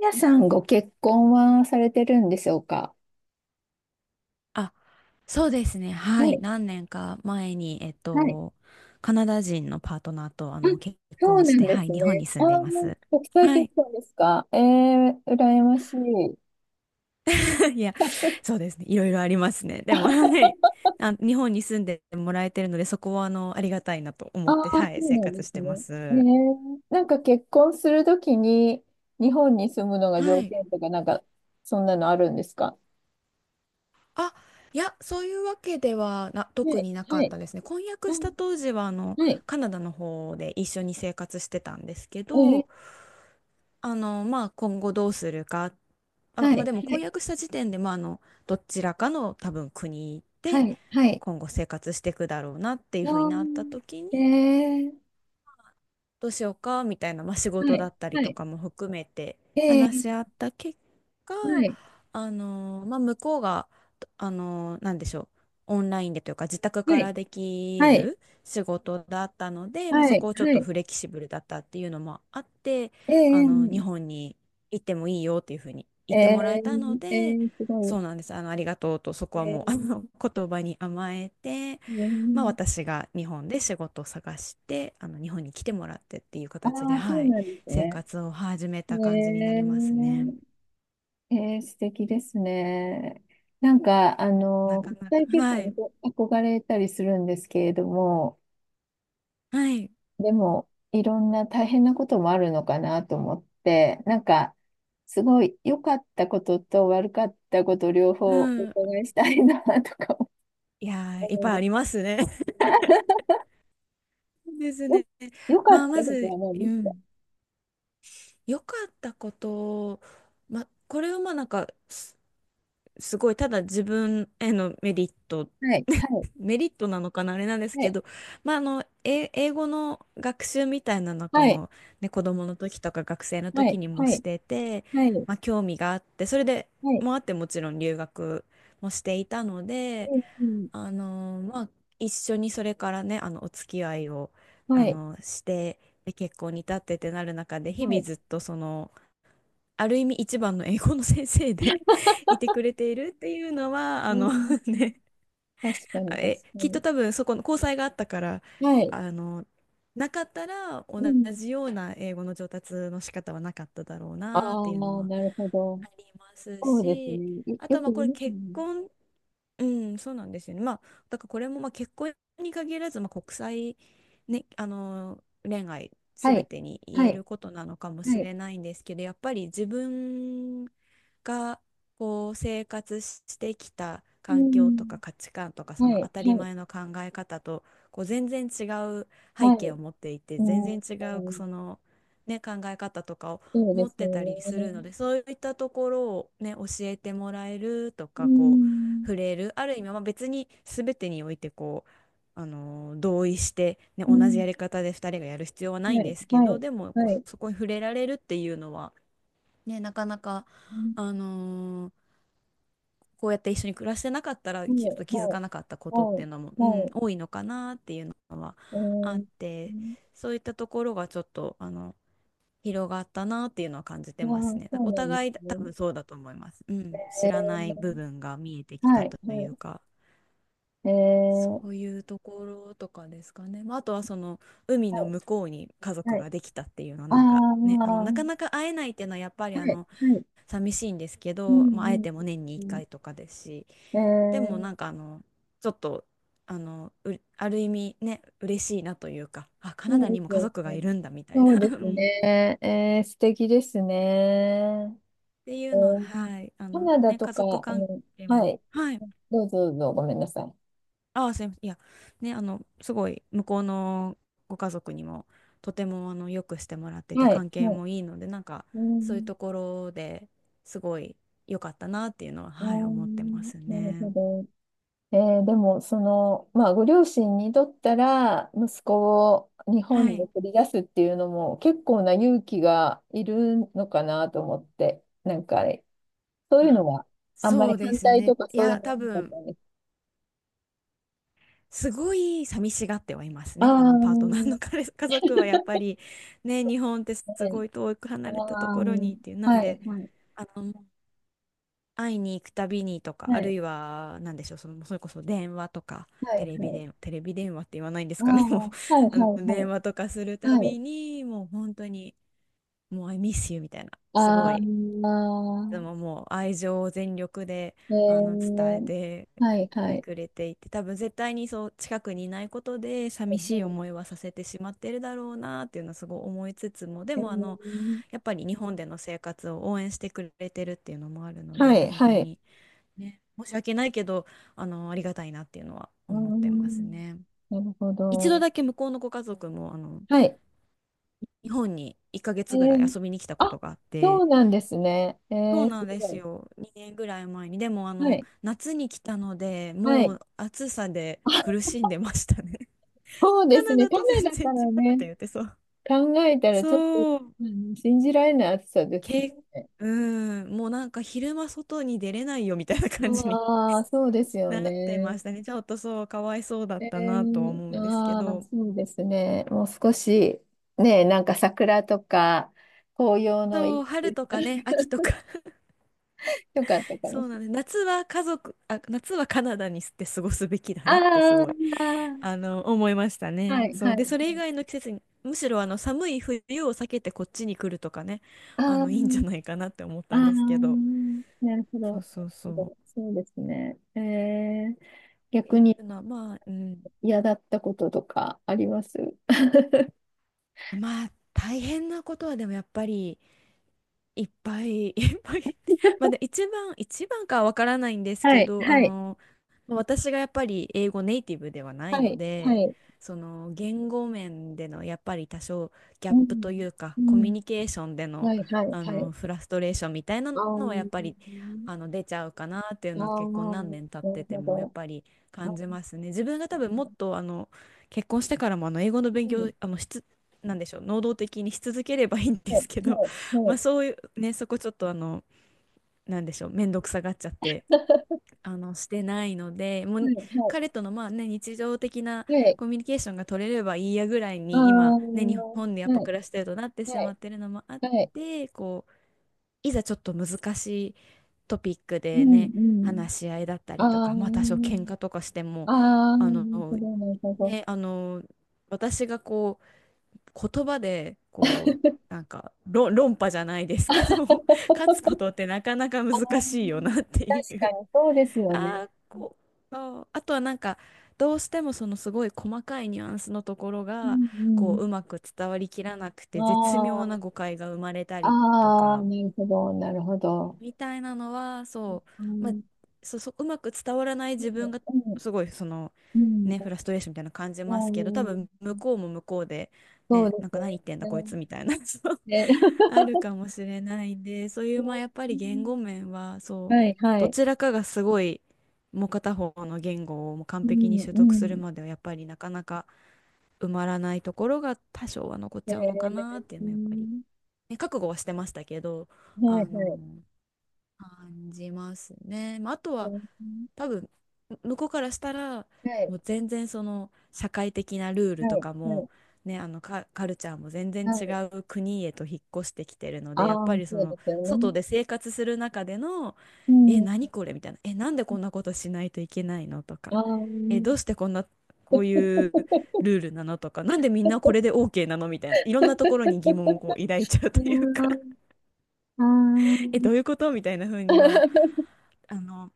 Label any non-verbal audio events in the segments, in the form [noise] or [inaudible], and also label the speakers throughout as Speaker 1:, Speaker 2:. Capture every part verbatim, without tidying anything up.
Speaker 1: やさんご結婚はされてるんでしょうか？
Speaker 2: あ、そうですね。は
Speaker 1: は
Speaker 2: い。
Speaker 1: い、
Speaker 2: 何年か前に、えっ
Speaker 1: はい。
Speaker 2: と、カナダ人のパートナーと、あ
Speaker 1: あ、
Speaker 2: の、結
Speaker 1: そう
Speaker 2: 婚
Speaker 1: な
Speaker 2: し
Speaker 1: ん
Speaker 2: て、
Speaker 1: で
Speaker 2: はい、
Speaker 1: す
Speaker 2: 日本
Speaker 1: ね。
Speaker 2: に住
Speaker 1: あ
Speaker 2: んでい
Speaker 1: あ、
Speaker 2: ます。
Speaker 1: 国際
Speaker 2: は
Speaker 1: 結
Speaker 2: い。
Speaker 1: 婚ですか？ええー、羨ましい。
Speaker 2: [laughs] いや、そうですね。いろいろありますね。でも、はい。あ、日本に住んでもらえてるので、そこは、あの、ありがたいなと
Speaker 1: あ
Speaker 2: 思っ
Speaker 1: あ、
Speaker 2: て、
Speaker 1: そ
Speaker 2: はい、
Speaker 1: う
Speaker 2: 生
Speaker 1: なん
Speaker 2: 活
Speaker 1: で
Speaker 2: し
Speaker 1: す
Speaker 2: てま
Speaker 1: ね。ええ、
Speaker 2: す。
Speaker 1: なんか結婚するときに日本に住むのが
Speaker 2: は
Speaker 1: 条
Speaker 2: い。
Speaker 1: 件とかなんか、そんなのあるんですか？
Speaker 2: あ、いや、そういうわけではな、
Speaker 1: は
Speaker 2: 特
Speaker 1: い、
Speaker 2: になか
Speaker 1: は
Speaker 2: っ
Speaker 1: い。
Speaker 2: たですね。婚約し
Speaker 1: う
Speaker 2: た
Speaker 1: ん、
Speaker 2: 当時は、あの、
Speaker 1: はい。
Speaker 2: カナダの方で一緒に生活してたんですけ
Speaker 1: ええ、
Speaker 2: ど、あの、まあ、今後どうするか。あ、
Speaker 1: は
Speaker 2: まあ、
Speaker 1: い、
Speaker 2: でも
Speaker 1: は
Speaker 2: 婚
Speaker 1: い、
Speaker 2: 約した時点で、まあ、あの、どちらかの多分国
Speaker 1: は
Speaker 2: で
Speaker 1: い、はい。
Speaker 2: 今後生活していくだろうなっていうふうになった時に、
Speaker 1: ああ、ええ、
Speaker 2: どうしようかみたいな、まあ、仕
Speaker 1: は
Speaker 2: 事だ
Speaker 1: い、
Speaker 2: ったり
Speaker 1: は
Speaker 2: と
Speaker 1: い。
Speaker 2: かも含めて話し
Speaker 1: ええ、
Speaker 2: 合った結果、
Speaker 1: はい、
Speaker 2: あのまあ、向こうが、あのなんでしょう、オンラインでというか自宅
Speaker 1: は
Speaker 2: か
Speaker 1: い、
Speaker 2: らでき
Speaker 1: はい。
Speaker 2: る仕事だったので、まあ、
Speaker 1: は
Speaker 2: そ
Speaker 1: い、
Speaker 2: こをちょっ
Speaker 1: は
Speaker 2: と
Speaker 1: い。
Speaker 2: フレキシブルだったっていうのもあって、
Speaker 1: え
Speaker 2: あの日
Speaker 1: え、
Speaker 2: 本に行ってもいいよっていうふうに
Speaker 1: え
Speaker 2: 言って
Speaker 1: え、
Speaker 2: もらえたの
Speaker 1: え
Speaker 2: で、
Speaker 1: え、すごい。
Speaker 2: そうなんです。あの、ありがとうと、そこ
Speaker 1: え
Speaker 2: はもう、あの、
Speaker 1: え、
Speaker 2: 言葉に甘えて、
Speaker 1: え
Speaker 2: まあ、
Speaker 1: え、
Speaker 2: 私が日本で仕事を探してあの日本に来てもらってっていう
Speaker 1: あ
Speaker 2: 形で、
Speaker 1: あ、そう
Speaker 2: はい、
Speaker 1: なんです
Speaker 2: 生
Speaker 1: ね。
Speaker 2: 活を始め
Speaker 1: え
Speaker 2: た感じにな
Speaker 1: え、
Speaker 2: りますね。
Speaker 1: ええ、素敵ですね。なんか、あ
Speaker 2: な
Speaker 1: の、
Speaker 2: か
Speaker 1: 国
Speaker 2: なか、
Speaker 1: 際結
Speaker 2: は
Speaker 1: 婚に
Speaker 2: い、
Speaker 1: 憧れたりするんですけれども、
Speaker 2: はい、
Speaker 1: でも、いろんな大変なこともあるのかなと思って、なんか、すごい良かったことと悪かったこと両
Speaker 2: う
Speaker 1: 方お
Speaker 2: ん、
Speaker 1: 伺いしたいなとか思
Speaker 2: いやー、いっ
Speaker 1: うん
Speaker 2: ぱい
Speaker 1: で
Speaker 2: あ
Speaker 1: す。
Speaker 2: りますね。[laughs]
Speaker 1: [laughs]
Speaker 2: です
Speaker 1: よ、
Speaker 2: ね。
Speaker 1: 良か
Speaker 2: ま
Speaker 1: っ
Speaker 2: あ、ま
Speaker 1: たことは
Speaker 2: ず、う
Speaker 1: 何ですか？
Speaker 2: ん、良かったこと、まあ、これはまあなんかすすごいただ自分へのメリット
Speaker 1: はい。はい
Speaker 2: メリットなのかなあれなんです
Speaker 1: は
Speaker 2: け
Speaker 1: い、
Speaker 2: ど、まあ、あの、え英語の学習みたいなのはこ
Speaker 1: はい、
Speaker 2: の、ね、子供の時とか学生の
Speaker 1: はい、
Speaker 2: 時にも
Speaker 1: は
Speaker 2: し
Speaker 1: い、
Speaker 2: てて、
Speaker 1: はい、
Speaker 2: まあ、興味があってそれで
Speaker 1: はい、
Speaker 2: もあってもちろん留学もしていたので、
Speaker 1: うん、うん、
Speaker 2: あのまあ、一緒にそれからねあのお付き合いをあ
Speaker 1: はい、
Speaker 2: のしてで結婚に至ってってなる中で日
Speaker 1: は
Speaker 2: 々
Speaker 1: い、
Speaker 2: ずっとそのある意味一番の英語の先生で [laughs] いてくれているっていうのは
Speaker 1: う
Speaker 2: あの
Speaker 1: ん、
Speaker 2: [laughs] ね
Speaker 1: 確か
Speaker 2: あ
Speaker 1: に、確
Speaker 2: え、
Speaker 1: か
Speaker 2: きっと
Speaker 1: に。
Speaker 2: 多分そこの交際があったから、
Speaker 1: はい、
Speaker 2: あの、なかったら同
Speaker 1: うん。
Speaker 2: じような英語の上達の仕方はなかっただろう
Speaker 1: あ
Speaker 2: なっていうの
Speaker 1: あ、
Speaker 2: は
Speaker 1: なるほど。
Speaker 2: あります
Speaker 1: そうです
Speaker 2: し、
Speaker 1: ね。い
Speaker 2: あと
Speaker 1: よ
Speaker 2: はま
Speaker 1: く
Speaker 2: あ
Speaker 1: 言
Speaker 2: こ
Speaker 1: い
Speaker 2: れ
Speaker 1: ます
Speaker 2: 結
Speaker 1: ね。
Speaker 2: 婚うん、そうなんですよね。まあ、だからこれもまあ結婚に限らず、まあ、国際、ね、あの恋愛
Speaker 1: は
Speaker 2: すべ
Speaker 1: い、
Speaker 2: てに言
Speaker 1: は
Speaker 2: え
Speaker 1: い、
Speaker 2: ることなのかも
Speaker 1: は
Speaker 2: し
Speaker 1: い、
Speaker 2: れないんですけど、やっぱり自分がこう生活してきた
Speaker 1: う
Speaker 2: 環境とか
Speaker 1: ん、
Speaker 2: 価値観とかそ
Speaker 1: は
Speaker 2: の当
Speaker 1: い、
Speaker 2: た
Speaker 1: は
Speaker 2: り
Speaker 1: い、
Speaker 2: 前の考え方とこう全然違う背
Speaker 1: は
Speaker 2: 景を
Speaker 1: い、
Speaker 2: 持っていて、
Speaker 1: う
Speaker 2: 全
Speaker 1: ん、
Speaker 2: 然違うその、ね、考え方とかを
Speaker 1: そうで
Speaker 2: 持っ
Speaker 1: すよ
Speaker 2: てたりする
Speaker 1: ね。
Speaker 2: ので、そういったところを、ね、教えてもらえると
Speaker 1: う
Speaker 2: か、こう
Speaker 1: ん、
Speaker 2: 触れるある意味、まあ、別に全てにおいてこう、あのー同意して、ね、
Speaker 1: う
Speaker 2: 同じ
Speaker 1: ん、
Speaker 2: やり方でふたりがやる必要はない
Speaker 1: は
Speaker 2: んで
Speaker 1: い、
Speaker 2: すけ
Speaker 1: は
Speaker 2: ど、
Speaker 1: い、
Speaker 2: でもこ
Speaker 1: は
Speaker 2: う
Speaker 1: い、
Speaker 2: そこに触れられるっていうのは、ね、なかなか、
Speaker 1: うん、
Speaker 2: あのーこうやって一緒に暮らしてなかったら
Speaker 1: はい、
Speaker 2: き
Speaker 1: は
Speaker 2: ちょっと気づ
Speaker 1: い、
Speaker 2: かなかったことっ
Speaker 1: は
Speaker 2: てい
Speaker 1: い、
Speaker 2: うのも、う
Speaker 1: は
Speaker 2: ん、
Speaker 1: い、
Speaker 2: 多いのかなっていうのは
Speaker 1: う
Speaker 2: あっ
Speaker 1: ん、
Speaker 2: て、そういったところがちょっとあの広がったなっていうのは感じて
Speaker 1: あ
Speaker 2: ます
Speaker 1: あ、
Speaker 2: ね。
Speaker 1: そ
Speaker 2: だ
Speaker 1: う
Speaker 2: お
Speaker 1: なんで
Speaker 2: 互い
Speaker 1: す
Speaker 2: 多
Speaker 1: ね。
Speaker 2: 分そうだと思います。うん、知
Speaker 1: え
Speaker 2: らない部
Speaker 1: ー、
Speaker 2: 分が見えてき
Speaker 1: は
Speaker 2: た
Speaker 1: い、
Speaker 2: とい
Speaker 1: は
Speaker 2: うか。
Speaker 1: い、え
Speaker 2: そ
Speaker 1: ー、
Speaker 2: ういうところとかですかね。まあ、あとはその海の
Speaker 1: はい、
Speaker 2: 向こうに家族
Speaker 1: はい、
Speaker 2: ができたっていうのは
Speaker 1: ああ、
Speaker 2: なんかね、あの
Speaker 1: は
Speaker 2: なかなか会えないっていうのはやっぱり
Speaker 1: い、
Speaker 2: あ
Speaker 1: は
Speaker 2: の
Speaker 1: い、
Speaker 2: 寂しいんですけ
Speaker 1: う
Speaker 2: ど、まあ、会え
Speaker 1: ん、
Speaker 2: ても年に1
Speaker 1: うん、
Speaker 2: 回とかですし、
Speaker 1: うん、
Speaker 2: でも
Speaker 1: えー、
Speaker 2: なんかあのちょっとあのうある意味ね、嬉しいなというか、あ、カナ
Speaker 1: そう
Speaker 2: ダに
Speaker 1: で
Speaker 2: も
Speaker 1: す
Speaker 2: 家
Speaker 1: よ
Speaker 2: 族が
Speaker 1: ね。
Speaker 2: いるんだみたい
Speaker 1: そう
Speaker 2: な [laughs] う
Speaker 1: です
Speaker 2: んっ
Speaker 1: ね。えー、素敵ですね。
Speaker 2: てい
Speaker 1: え
Speaker 2: うのは、
Speaker 1: ー、
Speaker 2: はい、あ
Speaker 1: カ
Speaker 2: の
Speaker 1: ナダ
Speaker 2: ね、
Speaker 1: と
Speaker 2: 家
Speaker 1: か、あ
Speaker 2: 族関
Speaker 1: の、
Speaker 2: 係
Speaker 1: は
Speaker 2: も、
Speaker 1: い、
Speaker 2: はい、
Speaker 1: どうぞどうぞ、ごめんなさ
Speaker 2: ああ、すいません。いや、ね、あの、すごい、向こうのご家族にも、とても、あの、よくしてもらって
Speaker 1: い。
Speaker 2: て、
Speaker 1: はい、
Speaker 2: 関係
Speaker 1: はい、
Speaker 2: もいいので、なんか、
Speaker 1: う
Speaker 2: そういう
Speaker 1: ん、
Speaker 2: ところですごい良かったなっていうのは、
Speaker 1: う
Speaker 2: はい、思ってま
Speaker 1: ん、な
Speaker 2: す
Speaker 1: るほ
Speaker 2: ね。
Speaker 1: ど。えーでも、その、まあ、ご両親にとったら、息子を日本
Speaker 2: は
Speaker 1: に
Speaker 2: い。
Speaker 1: 送り出すっていうのも、結構な勇気がいるのかなと思って、なんか、そういう
Speaker 2: あ
Speaker 1: のは、あんま
Speaker 2: そ
Speaker 1: り
Speaker 2: うで
Speaker 1: 反
Speaker 2: す
Speaker 1: 対と
Speaker 2: ね。
Speaker 1: か
Speaker 2: い
Speaker 1: そういう
Speaker 2: や、
Speaker 1: のは
Speaker 2: 多
Speaker 1: なかった
Speaker 2: 分、
Speaker 1: んです。
Speaker 2: すごい寂しがってはいますね。あの、パート
Speaker 1: あ
Speaker 2: ナーの彼、家族はやっぱり、ね、日本って
Speaker 1: あ、
Speaker 2: す
Speaker 1: ね、
Speaker 2: ごい遠く離れたと
Speaker 1: あ
Speaker 2: ころにっていう、な
Speaker 1: あ、
Speaker 2: ん
Speaker 1: はい、
Speaker 2: で、
Speaker 1: はい、
Speaker 2: あの、会いに行くたびにとか、あ
Speaker 1: は
Speaker 2: る
Speaker 1: い、
Speaker 2: いは、なんでしょう、その、それこそ電話とか、
Speaker 1: はい、
Speaker 2: テレビ
Speaker 1: はい、
Speaker 2: 電、テレビ電話って言わないんで
Speaker 1: あ
Speaker 2: す
Speaker 1: あ、
Speaker 2: かね、[laughs] もう、
Speaker 1: はい、
Speaker 2: [laughs] あの、
Speaker 1: はい、
Speaker 2: 電
Speaker 1: は
Speaker 2: 話とかするた
Speaker 1: い、はい、
Speaker 2: びに、もう本当に、もう、I miss you みたいな、すご
Speaker 1: あ
Speaker 2: い、
Speaker 1: あ、
Speaker 2: でももう愛情を全力で、あの、伝えて、てくれていて、多分絶対にそう、近くにいないことで、寂しい思いはさせてしまってるだろうなっていうのはすごい思いつつも、で
Speaker 1: え
Speaker 2: も、あの、
Speaker 1: ー、
Speaker 2: やっぱり日本での生活を応援してくれてるっていうのもあるの
Speaker 1: は
Speaker 2: で、
Speaker 1: い、
Speaker 2: 本
Speaker 1: は
Speaker 2: 当
Speaker 1: い。はい、えー、はい、はい、
Speaker 2: に、ね、申し訳ないけど、あの、ありがたいなっていうのは
Speaker 1: うー
Speaker 2: 思ってます
Speaker 1: ん、
Speaker 2: ね。
Speaker 1: なるほ
Speaker 2: 一度
Speaker 1: ど。
Speaker 2: だけ向こうのご家族も、あの、
Speaker 1: はい。
Speaker 2: 日本に1ヶ
Speaker 1: え
Speaker 2: 月ぐらい
Speaker 1: ー、
Speaker 2: 遊びに来たこ
Speaker 1: あ、
Speaker 2: とがあっ
Speaker 1: そ
Speaker 2: て、
Speaker 1: うなんですね。え
Speaker 2: そう
Speaker 1: ー、す
Speaker 2: なんで
Speaker 1: ご
Speaker 2: す
Speaker 1: い。
Speaker 2: よ。にねんぐらい前に。でも、あ
Speaker 1: は
Speaker 2: の、
Speaker 1: い。
Speaker 2: 夏に来たので、
Speaker 1: は
Speaker 2: も
Speaker 1: い。
Speaker 2: う暑さで
Speaker 1: あ、
Speaker 2: 苦しんでましたね。
Speaker 1: そう
Speaker 2: [laughs]
Speaker 1: で
Speaker 2: カ
Speaker 1: す
Speaker 2: ナ
Speaker 1: ね。
Speaker 2: ダ
Speaker 1: カ
Speaker 2: と
Speaker 1: ナ
Speaker 2: 全
Speaker 1: ダ
Speaker 2: 然
Speaker 1: か
Speaker 2: 違う
Speaker 1: ら
Speaker 2: っ
Speaker 1: ね、
Speaker 2: て言ってそう。
Speaker 1: 考えたらちょっと、
Speaker 2: そう。
Speaker 1: あの信じられない暑さです
Speaker 2: け、
Speaker 1: ね。
Speaker 2: うん、もうなんか昼間外に出れないよみたいな感じに
Speaker 1: ああ、そうですよ
Speaker 2: なってま
Speaker 1: ね。
Speaker 2: したね。ちょっとそう、かわいそうだっ
Speaker 1: え
Speaker 2: たなとは
Speaker 1: ー、
Speaker 2: 思うんですけ
Speaker 1: ああ、
Speaker 2: ど。
Speaker 1: そうですね。もう少し、ね、なんか桜とか、紅葉の
Speaker 2: そ
Speaker 1: 一
Speaker 2: う、
Speaker 1: い
Speaker 2: 春とかね、秋とか [laughs]
Speaker 1: とかあったかも
Speaker 2: そう
Speaker 1: し
Speaker 2: な
Speaker 1: れ
Speaker 2: んです。夏は家族、あ、夏はカナダにして過ごすべきだな
Speaker 1: な
Speaker 2: ってす
Speaker 1: い。
Speaker 2: ごい、
Speaker 1: あ
Speaker 2: あの、思いました
Speaker 1: あ、は
Speaker 2: ね。
Speaker 1: い、
Speaker 2: そ
Speaker 1: は
Speaker 2: う。
Speaker 1: い、は
Speaker 2: で、それ
Speaker 1: い。
Speaker 2: 以外の季節に、むしろあの、寒い冬を避けてこっちに来るとかね、あ
Speaker 1: ああ、
Speaker 2: の、いいんじゃないかなって思っ
Speaker 1: あ
Speaker 2: たんですけ
Speaker 1: あ、
Speaker 2: ど。
Speaker 1: なるほど。な
Speaker 2: そう
Speaker 1: る
Speaker 2: そうそ
Speaker 1: ほ
Speaker 2: う。っ
Speaker 1: ど、そうですね。えー、
Speaker 2: て
Speaker 1: 逆
Speaker 2: い
Speaker 1: に
Speaker 2: うのは、まあ、うん。
Speaker 1: 嫌だったこととかあります？ [laughs]
Speaker 2: まあ、大変なことはでもやっぱり、いっぱい [laughs] いっぱいまあで一番一番かはわからないんです
Speaker 1: は
Speaker 2: け
Speaker 1: い、
Speaker 2: どあ
Speaker 1: はい、
Speaker 2: のまあ私がやっぱり英語ネイティブではない
Speaker 1: は
Speaker 2: の
Speaker 1: い、は
Speaker 2: で、
Speaker 1: い。
Speaker 2: その言語面でのやっぱり多少ギャ
Speaker 1: う
Speaker 2: ップとい
Speaker 1: ん、
Speaker 2: うか
Speaker 1: う
Speaker 2: コミュ
Speaker 1: ん、
Speaker 2: ニケーションでの、
Speaker 1: はい、はい、
Speaker 2: あ
Speaker 1: は
Speaker 2: の
Speaker 1: い。
Speaker 2: フラストレーションみたいな
Speaker 1: あ
Speaker 2: のはや
Speaker 1: ー、
Speaker 2: っぱりあの出ちゃうかなっていう
Speaker 1: あ
Speaker 2: のは
Speaker 1: あ、
Speaker 2: 結婚
Speaker 1: な
Speaker 2: 何年経っ
Speaker 1: る
Speaker 2: てて
Speaker 1: ほ
Speaker 2: もやっ
Speaker 1: ど。
Speaker 2: ぱり感
Speaker 1: あ、
Speaker 2: じますね。自分が多分もっとあの結婚してからもあの英語の勉
Speaker 1: うん、
Speaker 2: 強あのしつなんでしょう、能動的にし続ければいいんで
Speaker 1: は
Speaker 2: すけ
Speaker 1: い、
Speaker 2: ど、
Speaker 1: はい、は
Speaker 2: ま
Speaker 1: い。
Speaker 2: あそういうねそこちょっとあのなんでしょう、面倒くさがっちゃって
Speaker 1: [laughs]
Speaker 2: あのしてないのでも
Speaker 1: は
Speaker 2: う
Speaker 1: い、は
Speaker 2: 彼とのまあね日常的な
Speaker 1: い、はい。
Speaker 2: コミュニケーションが取れればいいやぐらい
Speaker 1: ああ、
Speaker 2: に今ね日
Speaker 1: は
Speaker 2: 本でやっぱ
Speaker 1: い、
Speaker 2: 暮らしてるとなってし
Speaker 1: は
Speaker 2: ま
Speaker 1: い、
Speaker 2: ってるのもあっ
Speaker 1: はい。
Speaker 2: て、こういざちょっと難しいトピック
Speaker 1: う
Speaker 2: で
Speaker 1: ん、
Speaker 2: ね
Speaker 1: うん。
Speaker 2: 話し合いだったりとかまあ多少
Speaker 1: あ
Speaker 2: 喧嘩とかして
Speaker 1: あ、
Speaker 2: も
Speaker 1: ああ、
Speaker 2: あ
Speaker 1: な
Speaker 2: の
Speaker 1: るほど、なるほど。
Speaker 2: ねあの私がこ言葉でこうなんか論、論破じゃないですけど [laughs] 勝つこ
Speaker 1: [laughs]
Speaker 2: とってなかなか
Speaker 1: あ
Speaker 2: 難しいよ
Speaker 1: ー、
Speaker 2: なってい
Speaker 1: 確
Speaker 2: う、
Speaker 1: かにそうです
Speaker 2: [laughs]
Speaker 1: よね。
Speaker 2: あーこうあーあとはなんかどうしてもそのすごい細かいニュアンスのところ
Speaker 1: う
Speaker 2: がこ
Speaker 1: ん、
Speaker 2: ううまく伝わりきらなく
Speaker 1: うん。
Speaker 2: て絶妙な
Speaker 1: あ
Speaker 2: 誤解が生まれた
Speaker 1: あ、
Speaker 2: りと
Speaker 1: ああ、
Speaker 2: か
Speaker 1: なるほど、なるほど。
Speaker 2: みたいなのはそ
Speaker 1: う
Speaker 2: う、まあ、
Speaker 1: ん、
Speaker 2: そ、そううまく伝わらない自分が
Speaker 1: うん、
Speaker 2: すごいその
Speaker 1: う
Speaker 2: ねフ
Speaker 1: ん、
Speaker 2: ラストレーションみたいなの感じ
Speaker 1: う
Speaker 2: ますけど、多
Speaker 1: ん、う
Speaker 2: 分
Speaker 1: ん、
Speaker 2: 向こうも向こうで
Speaker 1: そう
Speaker 2: ね
Speaker 1: で
Speaker 2: なん
Speaker 1: す
Speaker 2: か
Speaker 1: よ
Speaker 2: 何言
Speaker 1: ね。
Speaker 2: ってんだこいつみたいな、 [laughs] そう
Speaker 1: ね、ね [laughs]
Speaker 2: あるかもしれないんでそういうまあやっぱ
Speaker 1: う
Speaker 2: り言
Speaker 1: ん、
Speaker 2: 語面はそう
Speaker 1: はい、は
Speaker 2: ど
Speaker 1: い。
Speaker 2: ちらかがすごいもう片方の言語をもう完
Speaker 1: う
Speaker 2: 璧に
Speaker 1: ん、
Speaker 2: 習
Speaker 1: う
Speaker 2: 得する
Speaker 1: ん。
Speaker 2: まではやっぱりなかなか埋まらないところが多少は残っ
Speaker 1: え
Speaker 2: ちゃうのかなっていう
Speaker 1: ー、う
Speaker 2: のはやっぱり、
Speaker 1: ん、
Speaker 2: ね、覚悟はしてましたけどあ
Speaker 1: はい、はい。
Speaker 2: の感じますね。まあ、あと
Speaker 1: う
Speaker 2: は
Speaker 1: ん、
Speaker 2: 多分む向こうからしたら
Speaker 1: はい、
Speaker 2: もう全然その社会的なルー
Speaker 1: は
Speaker 2: ルと
Speaker 1: い、
Speaker 2: か
Speaker 1: は
Speaker 2: も、
Speaker 1: い、
Speaker 2: ね、あのカ、カルチャーも全然
Speaker 1: は
Speaker 2: 違
Speaker 1: い。
Speaker 2: う国へと引っ越してきてるの
Speaker 1: あ
Speaker 2: でやっ
Speaker 1: あ、
Speaker 2: ぱりそ
Speaker 1: そうで
Speaker 2: の
Speaker 1: すよね。
Speaker 2: 外で生活する中での
Speaker 1: う
Speaker 2: 「え
Speaker 1: ん。
Speaker 2: 何これ？」みたいな「えなんでこんなことしないといけないの？」とか
Speaker 1: あ
Speaker 2: 「えどうし
Speaker 1: あ。
Speaker 2: てこんなこういうルールなの？」とか「なんでみんなこれで
Speaker 1: [laughs]
Speaker 2: OK なの？」みたいないろんなところに疑問をこう抱いちゃうというか、
Speaker 1: うーん、あ
Speaker 2: え、どういう
Speaker 1: ー
Speaker 2: ことみたいな風には、
Speaker 1: [laughs]、
Speaker 2: あの、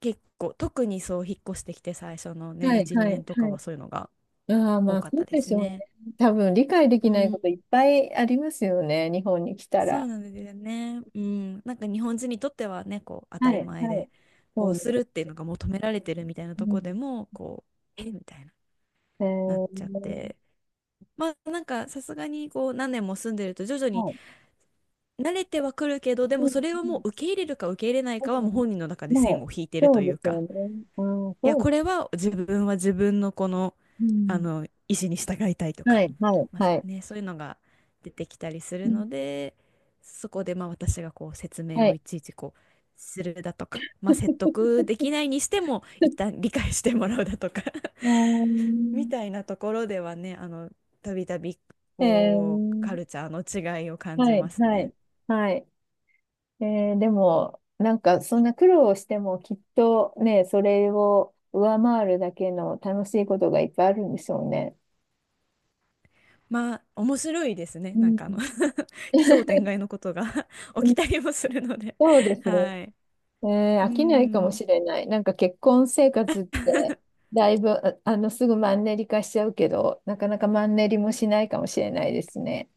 Speaker 2: 結構、特にそう、引っ越してきて最初のね、
Speaker 1: はい、
Speaker 2: いち、
Speaker 1: は
Speaker 2: 2
Speaker 1: い、
Speaker 2: 年と
Speaker 1: は
Speaker 2: かは
Speaker 1: い。
Speaker 2: そういうのが
Speaker 1: ああ、ま
Speaker 2: 多
Speaker 1: あ、
Speaker 2: かっ
Speaker 1: そ
Speaker 2: た
Speaker 1: う
Speaker 2: で
Speaker 1: で
Speaker 2: す
Speaker 1: しょう
Speaker 2: ね。
Speaker 1: ね。多分、理解で
Speaker 2: う
Speaker 1: きない
Speaker 2: ん、
Speaker 1: こといっぱいありますよね、日本に来た
Speaker 2: そう
Speaker 1: ら。
Speaker 2: なんですよね。うん、なんか日本人にとってはね、こう、当た
Speaker 1: はい、
Speaker 2: り前
Speaker 1: はい。
Speaker 2: で、こ
Speaker 1: そ
Speaker 2: う
Speaker 1: うで
Speaker 2: するっ
Speaker 1: す。
Speaker 2: ていうのが求められてるみたいな
Speaker 1: う
Speaker 2: とこ
Speaker 1: ん、
Speaker 2: でも、こう、えみたいな、
Speaker 1: え
Speaker 2: なっちゃって。
Speaker 1: ー、
Speaker 2: まあ、なんかさすがにこう何年も住んでると徐々に
Speaker 1: はい。
Speaker 2: 慣れてはくるけど、で
Speaker 1: う
Speaker 2: も
Speaker 1: ん、
Speaker 2: それは
Speaker 1: うん、
Speaker 2: もう受け入れるか受け入れない
Speaker 1: う
Speaker 2: かはもう
Speaker 1: ん。
Speaker 2: 本人の中で
Speaker 1: ま
Speaker 2: 線
Speaker 1: あ、
Speaker 2: を引いてる
Speaker 1: そ
Speaker 2: と
Speaker 1: う
Speaker 2: い
Speaker 1: で
Speaker 2: う
Speaker 1: す
Speaker 2: か、
Speaker 1: よね。ああ、
Speaker 2: いや、
Speaker 1: そう。
Speaker 2: これは自分は自分のこの、
Speaker 1: う
Speaker 2: あ
Speaker 1: ん。
Speaker 2: の意思に従いたいと
Speaker 1: は
Speaker 2: か、
Speaker 1: い、はい、
Speaker 2: まあ
Speaker 1: はい。
Speaker 2: ね、そういうのが出てきたりす
Speaker 1: う
Speaker 2: る
Speaker 1: ん、
Speaker 2: ので、そこでまあ私がこう説明
Speaker 1: は
Speaker 2: を
Speaker 1: い。
Speaker 2: いちいちこうするだとか、まあ、説得できないにしても一旦理解してもらうだとか
Speaker 1: うー
Speaker 2: [laughs] み
Speaker 1: ん。
Speaker 2: たいなところではね、あのたびたび
Speaker 1: え
Speaker 2: こうカ
Speaker 1: ー、
Speaker 2: ルチャーの違いを感
Speaker 1: は
Speaker 2: じ
Speaker 1: い、
Speaker 2: ます
Speaker 1: は
Speaker 2: ね。
Speaker 1: い、はい。えーでも、なんかそんな苦労をしてもきっとね、それを上回るだけの楽しいことがいっぱいあるんでしょうね。
Speaker 2: まあ面白いですね。
Speaker 1: う
Speaker 2: なん
Speaker 1: ん、
Speaker 2: かあの [laughs] 奇想
Speaker 1: [laughs]
Speaker 2: 天外のことが [laughs]
Speaker 1: う
Speaker 2: 起き
Speaker 1: ん、
Speaker 2: たりもするので
Speaker 1: そうで
Speaker 2: [laughs]
Speaker 1: すね。
Speaker 2: はい。
Speaker 1: えー
Speaker 2: う
Speaker 1: 飽きないかも
Speaker 2: ーん、
Speaker 1: しれない。なんか結婚生活って、だいぶ、ああの、すぐマンネリ化しちゃうけど、なかなかマンネリもしないかもしれないですね。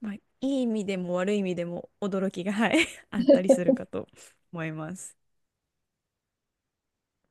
Speaker 2: まあ、いい意味でも悪い意味でも驚きが、はい [laughs] あったりするかと思います。